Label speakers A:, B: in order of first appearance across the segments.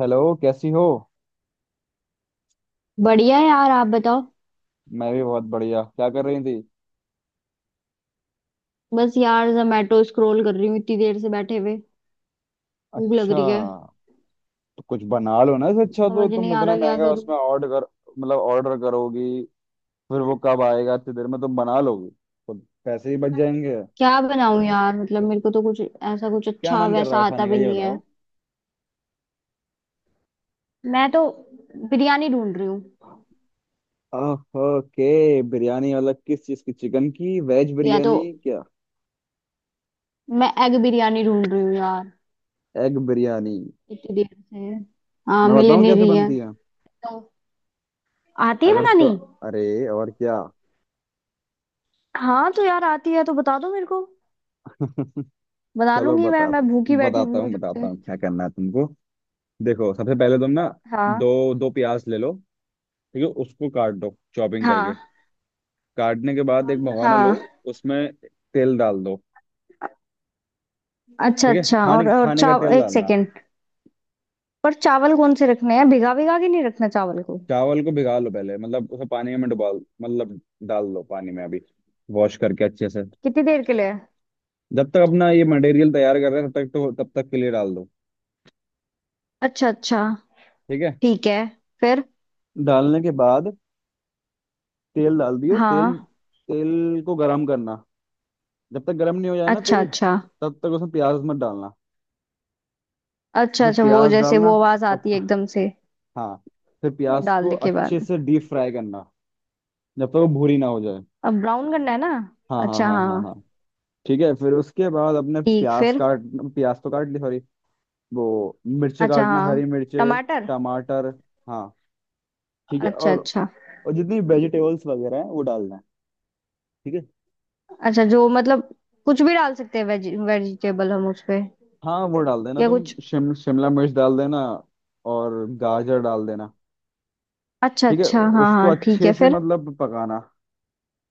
A: Hello, कैसी हो।
B: बढ़िया है यार। आप बताओ।
A: मैं भी बहुत बढ़िया। क्या कर रही थी।
B: बस यार, जोमेटो स्क्रॉल कर रही हूँ इतनी देर से, बैठे हुए। भूख लग
A: अच्छा।
B: रही है।
A: तो कुछ बना लो ना, इससे अच्छा। तो
B: समझ
A: तुम
B: नहीं आ
A: इतना
B: रहा क्या
A: महंगा
B: करूँ।
A: उसमें ऑर्डर कर, मतलब ऑर्डर करोगी फिर वो कब आएगा। इतनी देर में तुम बना लोगी तो पैसे ही बच जाएंगे।
B: क्या बनाऊं यार, मतलब मेरे को तो कुछ ऐसा, कुछ
A: क्या
B: अच्छा
A: मन कर रहा
B: वैसा
A: है
B: आता
A: खाने का,
B: भी
A: ये
B: नहीं है।
A: बताओ।
B: मैं तो बिरयानी ढूंढ रही हूँ।
A: आह, ओके, बिरयानी मतलब किस चीज़ की, चिकन की, वेज
B: या तो
A: बिरयानी क्या।
B: मैं एग बिरयानी ढूंढ रही हूँ यार,
A: एग बिरयानी।
B: इतनी देर से। हाँ,
A: मैं
B: मिल
A: बताऊँ
B: नहीं
A: कैसे
B: रही है।
A: बनती है।
B: तो आती है
A: अगर तो
B: बनानी।
A: अरे, और क्या।
B: हाँ तो यार, आती है तो बता दो मेरे को। बना
A: चलो,
B: लूंगी मैं
A: बताता
B: मैं भूखी बैठी हुई हूँ
A: बताता
B: जब से।
A: हूँ क्या करना है तुमको। देखो, सबसे पहले तुम ना
B: हाँ,
A: दो दो प्याज ले लो। ठीक है, उसको काट दो चॉपिंग करके।
B: हाँ,
A: काटने के बाद एक भगोना लो,
B: हाँ।
A: उसमें तेल डाल दो।
B: अच्छा,
A: ठीक है,
B: अच्छा।
A: खाने
B: और
A: खाने का
B: चाव
A: तेल
B: एक
A: डालना।
B: सेकेंड पर चावल कौन से रखने हैं? भिगा भिगा के नहीं रखना चावल को?
A: चावल को भिगा लो पहले, मतलब उसे पानी में डुबा, मतलब डाल दो पानी में अभी, वॉश करके अच्छे से।
B: कितनी देर के लिए?
A: जब तक अपना ये मटेरियल तैयार कर रहे हैं तब तक के लिए डाल दो।
B: अच्छा, अच्छा।
A: ठीक है।
B: ठीक है। फिर?
A: डालने के बाद तेल डाल दियो, तेल।
B: हाँ।
A: तेल को गरम करना, जब तक गरम नहीं हो जाए ना
B: अच्छा,
A: तेल
B: अच्छा।
A: तब तक उसमें प्याज मत डालना।
B: अच्छा,
A: उसमें
B: अच्छा, वो
A: प्याज
B: जैसे वो
A: डालना,
B: आवाज
A: और
B: आती है एकदम से?
A: हाँ, फिर प्याज को
B: डालने के बाद?
A: अच्छे से डीप फ्राई करना जब तक वो भूरी ना हो जाए।
B: अब ब्राउन करना है ना?
A: हाँ हाँ
B: अच्छा,
A: हाँ हाँ हाँ।
B: हाँ।
A: ठीक है, फिर उसके बाद अपने
B: ठीक,
A: प्याज
B: फिर?
A: काट प्याज तो काट ली, सॉरी। वो मिर्चे
B: अच्छा,
A: काटना,
B: हाँ।
A: हरी मिर्चे,
B: टमाटर।
A: टमाटर, हाँ। ठीक है,
B: अच्छा,
A: और,
B: अच्छा।
A: और जितनी वेजिटेबल्स वगैरह हैं वो डालना है। ठीक है।
B: अच्छा, जो मतलब कुछ भी डाल सकते हैं, वेजिटेबल हम उस पे?
A: हाँ, वो डाल देना,
B: या
A: तुम
B: कुछ?
A: शिमला मिर्च डाल देना, और गाजर डाल देना।
B: अच्छा,
A: ठीक है।
B: अच्छा। हाँ,
A: उसको
B: हाँ, ठीक
A: अच्छे
B: है,
A: से
B: फिर?
A: मतलब पकाना,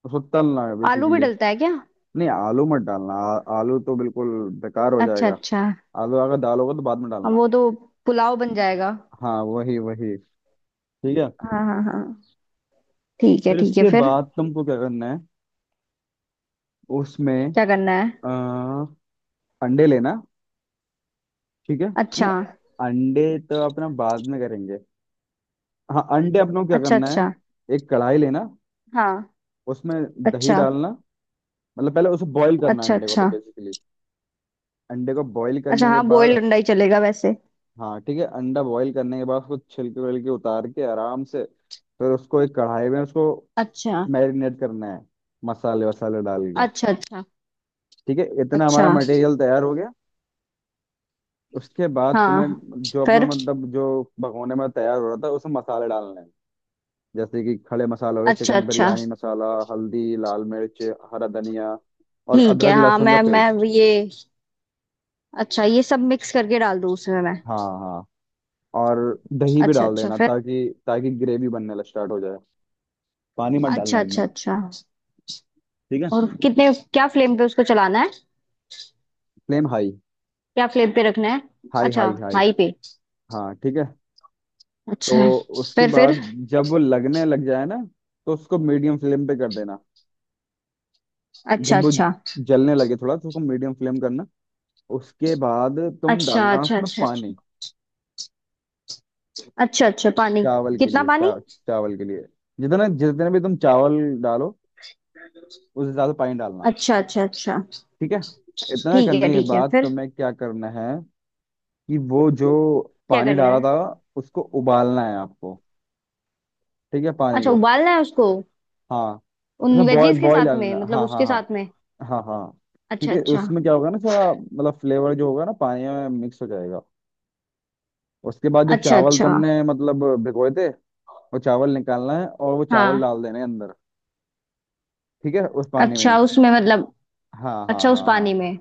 A: उसको तलना है
B: आलू भी
A: बेसिकली।
B: डलता है क्या?
A: नहीं, आलू मत डालना, आलू तो बिल्कुल बेकार हो
B: अच्छा,
A: जाएगा।
B: अच्छा।
A: आलू अगर डालोगे तो बाद में
B: अब
A: डालना।
B: वो तो पुलाव बन जाएगा।
A: हाँ, वही वही। ठीक है।
B: हाँ, हाँ, हाँ। ठीक है,
A: फिर
B: ठीक है,
A: इसके
B: फिर?
A: बाद तुमको क्या करना है, उसमें
B: क्या करना है?
A: आ, अंडे लेना। ठीक है।
B: अच्छा।
A: नहीं, अंडे तो अपना बाद में करेंगे। हाँ, अंडे अपने को क्या
B: अच्छा,
A: करना
B: अच्छा,
A: है, एक कढ़ाई लेना,
B: हाँ।
A: उसमें दही
B: अच्छा,
A: डालना। मतलब पहले उसे बॉईल करना,
B: अच्छा,
A: अंडे को, तो
B: अच्छा,
A: बेसिकली। अंडे को बॉईल
B: अच्छा,
A: करने के
B: हाँ,
A: बाद,
B: बॉयल अंडा ही चलेगा वैसे?
A: हाँ ठीक है, अंडा बॉईल करने के बाद उसको छिलके विलके उतार के आराम से, फिर उसको एक कढ़ाई में उसको
B: अच्छा,
A: मैरिनेट करना है, मसाले वसाले डाल के।
B: अच्छा, अच्छा,
A: ठीक है, इतना हमारा
B: अच्छा।
A: मटेरियल तैयार हो गया। उसके बाद तुम्हें
B: हाँ,
A: जो अपना,
B: फिर?
A: मतलब जो भगोने में तैयार हो रहा था उसमें मसाले डालने हैं, जैसे कि खड़े मसाले हो गए,
B: अच्छा,
A: चिकन
B: अच्छा,
A: बिरयानी मसाला, हल्दी, लाल मिर्च, हरा धनिया, और
B: ठीक है।
A: अदरक
B: हाँ,
A: लहसुन का
B: मैं
A: पेस्ट।
B: ये, अच्छा, ये सब मिक्स करके डाल दूँ उसमें मैं?
A: हाँ हाँ, और दही भी
B: अच्छा,
A: डाल
B: अच्छा,
A: देना
B: फिर?
A: ताकि ताकि ग्रेवी बनने लग स्टार्ट हो जाए। पानी मत
B: अच्छा,
A: डालना
B: अच्छा,
A: एकदम।
B: अच्छा।
A: ठीक है।
B: और कितने, क्या फ्लेम पे उसको चलाना है?
A: फ्लेम हाई,
B: क्या फ्लेम पे रखना है?
A: हाई
B: अच्छा,
A: हाई हाई,
B: हाई पे।
A: हाँ ठीक है।
B: अच्छा।
A: तो उसके
B: फिर?
A: बाद जब वो लगने लग जाए ना तो उसको मीडियम फ्लेम पे कर देना।
B: अच्छा,
A: जब वो
B: अच्छा,
A: जलने लगे थोड़ा तो उसको मीडियम फ्लेम करना। उसके बाद तुम
B: अच्छा,
A: डालना
B: अच्छा,
A: उसमें
B: अच्छा, अच्छा,
A: पानी,
B: अच्छा, अच्छा, पानी।
A: चावल के
B: कितना
A: लिए।
B: पानी?
A: चावल के लिए, जितना, जितने भी तुम चावल डालो उस हिसाब से पानी डालना।
B: अच्छा, अच्छा, अच्छा।
A: ठीक है। इतना
B: ठीक है,
A: करने के
B: ठीक है,
A: बाद
B: फिर?
A: तुम्हें क्या करना है कि वो जो
B: क्या
A: पानी
B: करना
A: डाला
B: है?
A: था उसको उबालना है आपको। ठीक है, पानी
B: अच्छा,
A: को,
B: उबालना है उसको,
A: हाँ,
B: उन
A: मतलब
B: वेजीज के
A: बॉयल
B: साथ में,
A: डालना,
B: मतलब
A: हाँ हाँ
B: उसके साथ
A: हाँ
B: में?
A: हाँ हाँ। ठीक
B: अच्छा,
A: है,
B: अच्छा,
A: उसमें क्या होगा ना, सारा मतलब फ्लेवर जो होगा ना पानी में मिक्स हो जाएगा। उसके बाद जो
B: अच्छा,
A: चावल
B: अच्छा,
A: तुमने मतलब भिगोए थे, वो चावल निकालना है और वो चावल
B: हाँ।
A: डाल देने हैं अंदर। ठीक है, उस पानी में।
B: अच्छा, उसमें मतलब,
A: हाँ हाँ
B: अच्छा, उस
A: हाँ हाँ
B: पानी में?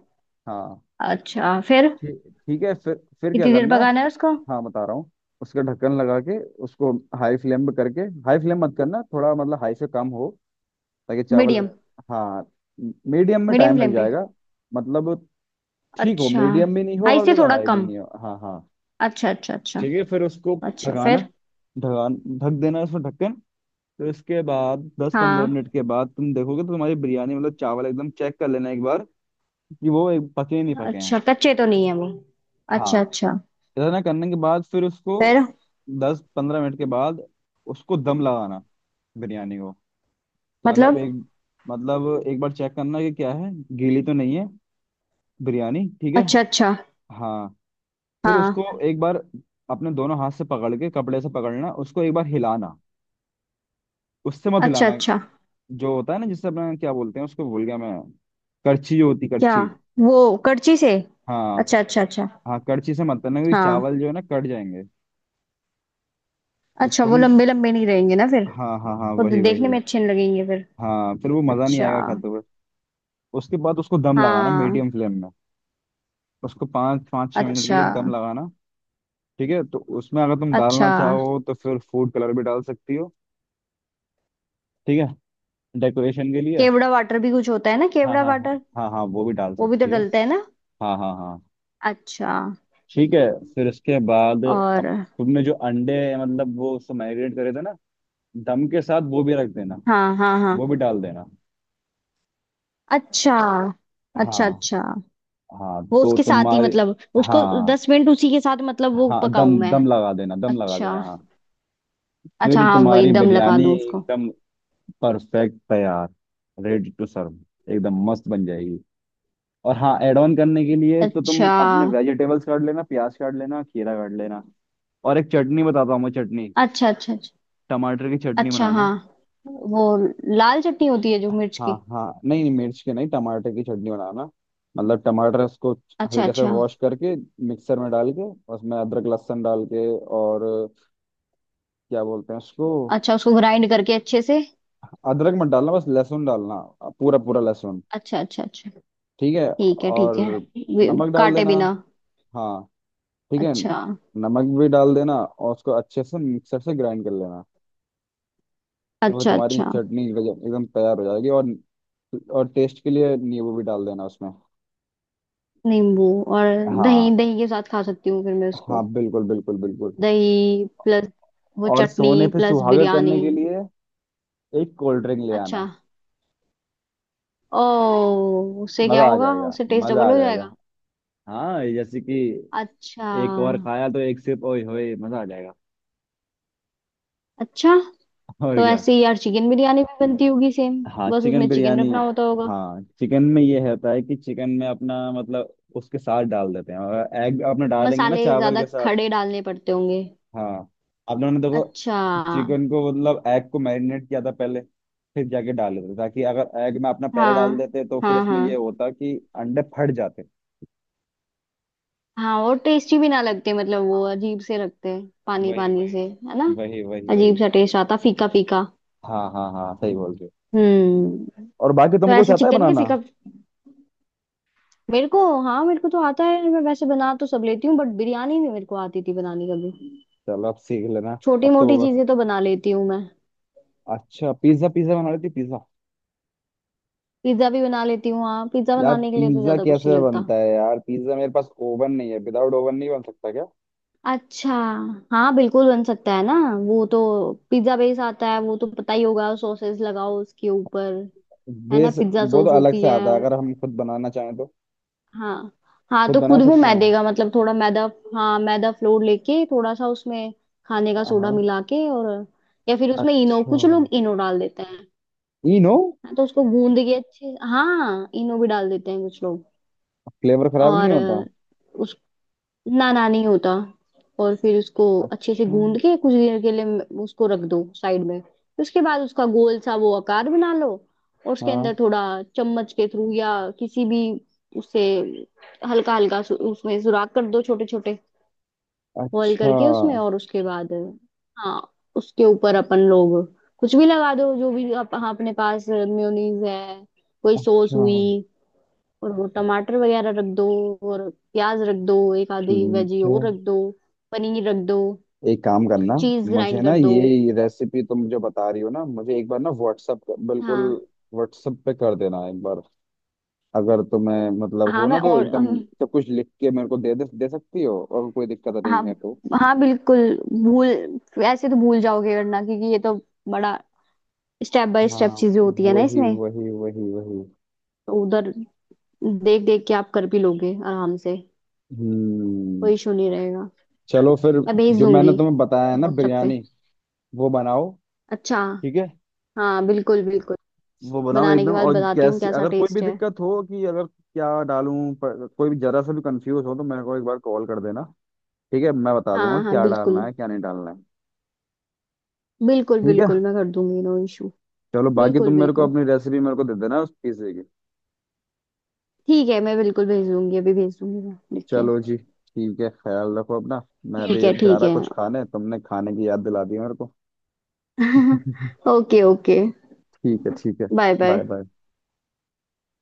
A: हाँ।
B: अच्छा, फिर?
A: ठीक ठीक है, फिर क्या
B: कितनी देर
A: करना,
B: पकाना है उसको?
A: हाँ बता रहा हूँ। उसका ढक्कन लगा के उसको हाई फ्लेम पे करके, हाई फ्लेम मत करना, थोड़ा मतलब हाई से कम हो ताकि चावल,
B: मीडियम।
A: हाँ। मीडियम में
B: मीडियम
A: टाइम लग
B: फ्लेम पे?
A: जाएगा, मतलब ठीक हो,
B: अच्छा,
A: मीडियम भी नहीं हो
B: हाई
A: और
B: से
A: ज़्यादा
B: थोड़ा
A: हाई भी
B: कम।
A: नहीं हो, हाँ हाँ।
B: अच्छा, अच्छा, अच्छा,
A: ठीक है, फिर उसको
B: अच्छा,
A: ढकाना
B: फिर?
A: ढकान ढक देना, उसमें ढक्कन। तो इसके बाद दस पंद्रह
B: हाँ।
A: मिनट के बाद तुम देखोगे तो तुम्हारी बिरयानी, मतलब चावल एकदम चेक कर लेना एक बार, कि वो एक पके नहीं पके हैं।
B: अच्छा, कच्चे तो नहीं है वो?
A: हाँ।
B: अच्छा, अच्छा,
A: इतना करने के बाद फिर उसको
B: फिर?
A: 10-15 मिनट के बाद उसको दम लगाना, बिरयानी को। मतलब
B: मतलब?
A: एक बार चेक करना कि क्या है, गीली तो नहीं है बिरयानी, ठीक है।
B: अच्छा, अच्छा।
A: हाँ, फिर
B: हाँ।
A: उसको एक बार अपने दोनों हाथ से पकड़ के, कपड़े से पकड़ना उसको, एक बार हिलाना। उससे मत
B: अच्छा,
A: हिलाना
B: अच्छा।
A: जो होता है ना, जिससे अपना, क्या बोलते हैं उसको, भूल गया मैं, करछी, जो होती
B: क्या?
A: करछी,
B: वो करची से?
A: हाँ
B: अच्छा, अच्छा, अच्छा।
A: हाँ। कड़ची से मत करना क्योंकि
B: हाँ।
A: चावल जो है ना कट जाएंगे तो
B: अच्छा, वो
A: तुम,
B: लंबे लंबे नहीं रहेंगे ना फिर?
A: हाँ हाँ हाँ,
B: वो तो
A: वही
B: देखने
A: वही।
B: में अच्छे नहीं लगेंगे फिर।
A: हाँ, फिर वो मज़ा नहीं
B: अच्छा।
A: आएगा खाते हुए। उसके बाद उसको दम लगाना
B: हाँ।
A: मीडियम फ्लेम में, उसको पाँच पाँच छः मिनट के लिए
B: अच्छा।
A: दम लगाना। ठीक है, तो उसमें अगर तुम
B: अच्छा।
A: डालना चाहो तो फिर फूड कलर भी डाल सकती हो। ठीक है, डेकोरेशन के लिए।
B: केवड़ा वाटर भी कुछ होता है ना,
A: हाँ
B: केवड़ा
A: हाँ हाँ
B: वाटर?
A: हाँ हाँ, वो भी डाल
B: वो भी तो
A: सकती हो,
B: डलता है ना?
A: हाँ हाँ हाँ।
B: अच्छा।
A: ठीक है, फिर इसके बाद
B: और?
A: अब तुमने जो अंडे, मतलब वो उसको मैरिनेट करे थे ना, दम के साथ वो भी रख देना,
B: हाँ, हाँ, हाँ।
A: वो भी डाल देना,
B: अच्छा, अच्छा।
A: हाँ
B: अच्छा
A: हाँ,
B: वो
A: तो
B: उसके साथ ही
A: तुम्हारे,
B: मतलब, उसको
A: हाँ
B: 10 मिनट उसी के साथ मतलब वो
A: हाँ,
B: पकाऊं
A: दम
B: मैं?
A: दम लगा देना, दम लगा देना,
B: अच्छा।
A: हाँ। फिर
B: अच्छा, हाँ, वही
A: तुम्हारी
B: दम लगा
A: बिरयानी
B: दूं उसको।
A: एकदम परफेक्ट तैयार, रेडी टू सर्व एकदम मस्त बन जाएगी। और हाँ, एड ऑन करने के लिए तो तुम
B: अच्छा,
A: अपने वेजिटेबल्स काट लेना, प्याज काट लेना, खीरा काट लेना, और एक चटनी बताता हूँ मैं, चटनी,
B: अच्छा। अच्छा, अच्छा।
A: टमाटर की चटनी
B: अच्छा,
A: बनाना।
B: हाँ, वो लाल चटनी होती है जो मिर्च
A: हाँ
B: की?
A: हाँ, नहीं नहीं, मिर्च की नहीं, टमाटर की चटनी बनाना। मतलब टमाटर, उसको
B: अच्छा
A: हल्के से
B: अच्छा
A: वॉश करके मिक्सर में डाल के, उसमें अदरक लहसुन डाल के, और क्या बोलते हैं उसको,
B: अच्छा, उसको ग्राइंड करके अच्छे से।
A: अदरक मत डालना बस लहसुन डालना, पूरा पूरा लहसुन।
B: अच्छा, अच्छा, अच्छा।
A: ठीक है,
B: ठीक है,
A: और
B: ठीक है, वे-
A: नमक डाल
B: काटे
A: देना,
B: बिना।
A: हाँ ठीक है,
B: अच्छा।
A: नमक भी डाल देना और उसको अच्छे से मिक्सर से ग्राइंड कर लेना। तो फिर
B: अच्छा,
A: तुम्हारी
B: अच्छा।
A: चटनी एकदम तैयार हो जाएगी। और टेस्ट के लिए नींबू भी डाल देना उसमें,
B: नींबू। और? दही,
A: हाँ
B: दही के साथ खा सकती हूँ फिर मैं उसको।
A: हाँ, बिल्कुल बिल्कुल बिल्कुल।
B: दही प्लस वो
A: और
B: चटनी
A: सोने पे
B: प्लस
A: सुहागा
B: बिरयानी।
A: करने के लिए एक कोल्ड ड्रिंक ले आना।
B: अच्छा। ओ। उससे क्या
A: मजा आ
B: होगा?
A: जाएगा,
B: उससे टेस्ट
A: मजा
B: डबल
A: आ
B: हो जाएगा।
A: जाएगा। हाँ, जैसे कि
B: अच्छा।
A: एक और खाया तो एक सिप, ओए होए मजा आ जाएगा।
B: अच्छा।
A: और
B: तो
A: क्या।
B: ऐसे ही यार चिकन बिरयानी भी बनती होगी सेम?
A: हाँ,
B: बस
A: चिकन
B: उसमें चिकन
A: बिरयानी।
B: रखना होता होगा।
A: हाँ, चिकन में ये रहता है कि चिकन में अपना, मतलब उसके साथ डाल देते हैं, और एग अपना डालेंगे ना
B: मसाले
A: चावल
B: ज्यादा
A: के साथ।
B: खड़े डालने पड़ते होंगे?
A: हाँ, आप लोगों ने देखो,
B: अच्छा।
A: चिकन को, मतलब एग को मैरिनेट किया था पहले फिर जाके डाल देते, ताकि अगर एग में अपना पहले डाल
B: हाँ,
A: देते तो फिर
B: हाँ,
A: इसमें ये
B: हाँ,
A: होता कि अंडे फट जाते।
B: हाँ। और टेस्टी भी ना लगते, मतलब वो अजीब से रखते हैं, पानी
A: वही
B: पानी
A: वही
B: से। है ना?
A: वही वही वही।
B: अजीब सा टेस्ट आता, फीका फीका।
A: हाँ हाँ हाँ, सही बोल रहे हो।
B: हम्म।
A: और बाकी
B: तो
A: तुमको कुछ
B: ऐसे
A: आता है
B: चिकन के
A: बनाना।
B: फीका। मेरे को, हाँ, मेरे को तो आता है, मैं वैसे बना तो सब लेती हूँ, बट बिरयानी नहीं मेरे को आती थी बनानी कभी।
A: चलो अब सीख लेना।
B: छोटी
A: अब तो
B: मोटी
A: बस,
B: चीजें तो बना लेती हूँ मैं।
A: अच्छा, पिज्जा पिज्जा बना लेती पिज्जा।
B: पिज्जा भी बना लेती हूँ। हाँ, पिज्जा
A: यार
B: बनाने के लिए तो
A: पिज्जा
B: ज्यादा कुछ नहीं
A: कैसे
B: लगता।
A: बनता है, यार पिज्जा, मेरे पास ओवन नहीं है, विदाउट ओवन नहीं बन सकता क्या।
B: अच्छा। हाँ, बिल्कुल बन सकता है ना। वो तो, पिज्जा बेस आता है, वो तो पता ही होगा। सॉसेस लगाओ उसके ऊपर। है ना?
A: बेस,
B: पिज्जा
A: वो तो
B: सॉस
A: अलग
B: होती
A: से
B: है।
A: आता है, अगर हम खुद बनाना चाहें तो
B: हाँ। हाँ,
A: खुद
B: तो
A: बना
B: खुद वो
A: सकते
B: मैदे
A: हैं।
B: का, मतलब थोड़ा मैदा, हाँ, मैदा फ्लोर लेके, थोड़ा सा उसमें खाने का सोडा
A: हाँ,
B: मिला के, और या फिर उसमें इनो,
A: अच्छा,
B: कुछ लोग इनो डाल देते हैं।
A: ई नो,
B: हाँ, तो उसको गूंद के अच्छे। हाँ, इनो भी डाल देते हैं कुछ लोग।
A: फ्लेवर खराब नहीं
B: और,
A: होता।
B: ना ना, नहीं होता। और फिर उसको अच्छे से
A: अच्छा,
B: गूंद के कुछ देर के लिए उसको रख दो साइड में, फिर उसके बाद उसका गोल सा वो आकार बना लो। और उसके अंदर
A: हाँ,
B: थोड़ा चम्मच के थ्रू या किसी भी, उससे हल्का हल्का उसमें सुराख कर दो, छोटे छोटे होल
A: अच्छा
B: करके उसमें, और उसके बाद, हाँ, उसके ऊपर अपन लोग कुछ भी लगा दो, जो भी आप, हाँ, अपने पास मेयोनीज है, कोई सॉस
A: अच्छा,
B: हुई, और वो टमाटर वगैरह रख दो, और प्याज रख दो, एक आधी वेजी
A: ठीक है।
B: और रख दो, पनीर रख दो,
A: एक काम करना,
B: चीज
A: मुझे
B: ग्राइंड
A: ना
B: कर दो।
A: ये रेसिपी तुम जो बता रही हो ना, मुझे एक बार ना व्हाट्सअप, बिल्कुल
B: हाँ,
A: व्हाट्सअप पे कर देना एक बार, अगर तुम्हें मतलब
B: हाँ,
A: हो ना
B: मैं
A: तो
B: और
A: एकदम सब कुछ लिख के मेरे को दे दे, दे सकती हो अगर कोई दिक्कत नहीं
B: हाँ,
A: है तो।
B: हाँ, बिल्कुल। भूल ऐसे तो भूल जाओगे वरना, क्योंकि ये तो बड़ा, स्टेप बाय
A: हाँ,
B: स्टेप चीजें होती है ना
A: वही
B: इसमें।
A: वही वही वही।
B: तो उधर देख देख के आप कर भी लोगे आराम से,
A: हम्म,
B: कोई इशू नहीं रहेगा।
A: चलो फिर,
B: मैं भेज
A: जो मैंने
B: दूंगी
A: तुम्हें बताया है ना
B: व्हाट्सएप पे।
A: बिरयानी, वो बनाओ।
B: अच्छा।
A: ठीक है,
B: हाँ, बिल्कुल, बिल्कुल।
A: वो बनाओ
B: बनाने के
A: एकदम,
B: बाद
A: और
B: बताती हूँ
A: कैसी
B: कैसा
A: अगर कोई भी
B: टेस्ट है।
A: दिक्कत हो कि अगर क्या डालूं, पर कोई भी जरा सा भी कंफ्यूज हो तो मेरे को एक बार कॉल कर देना। ठीक है, मैं बता दूंगा
B: हाँ, हाँ,
A: क्या
B: बिल्कुल,
A: डालना है क्या नहीं डालना है।
B: बिल्कुल,
A: ठीक है,
B: बिल्कुल, मैं कर दूंगी, नो इशू।
A: चलो बाकी
B: बिल्कुल,
A: तुम मेरे को
B: बिल्कुल,
A: अपनी रेसिपी मेरे को दे देना उस पिज्जे की।
B: ठीक है, मैं बिल्कुल भेज दूंगी, अभी भेज दूंगी मैं लिख के।
A: चलो जी, ठीक है, ख्याल रखो अपना। मैं
B: ठीक
A: अभी
B: है,
A: अब जा
B: ठीक
A: रहा
B: है।
A: कुछ खाने, तुमने खाने की याद दिला दी मेरे को।
B: Okay, okay.
A: ठीक है ठीक है,
B: बाय,
A: बाय
B: बाय।
A: बाय।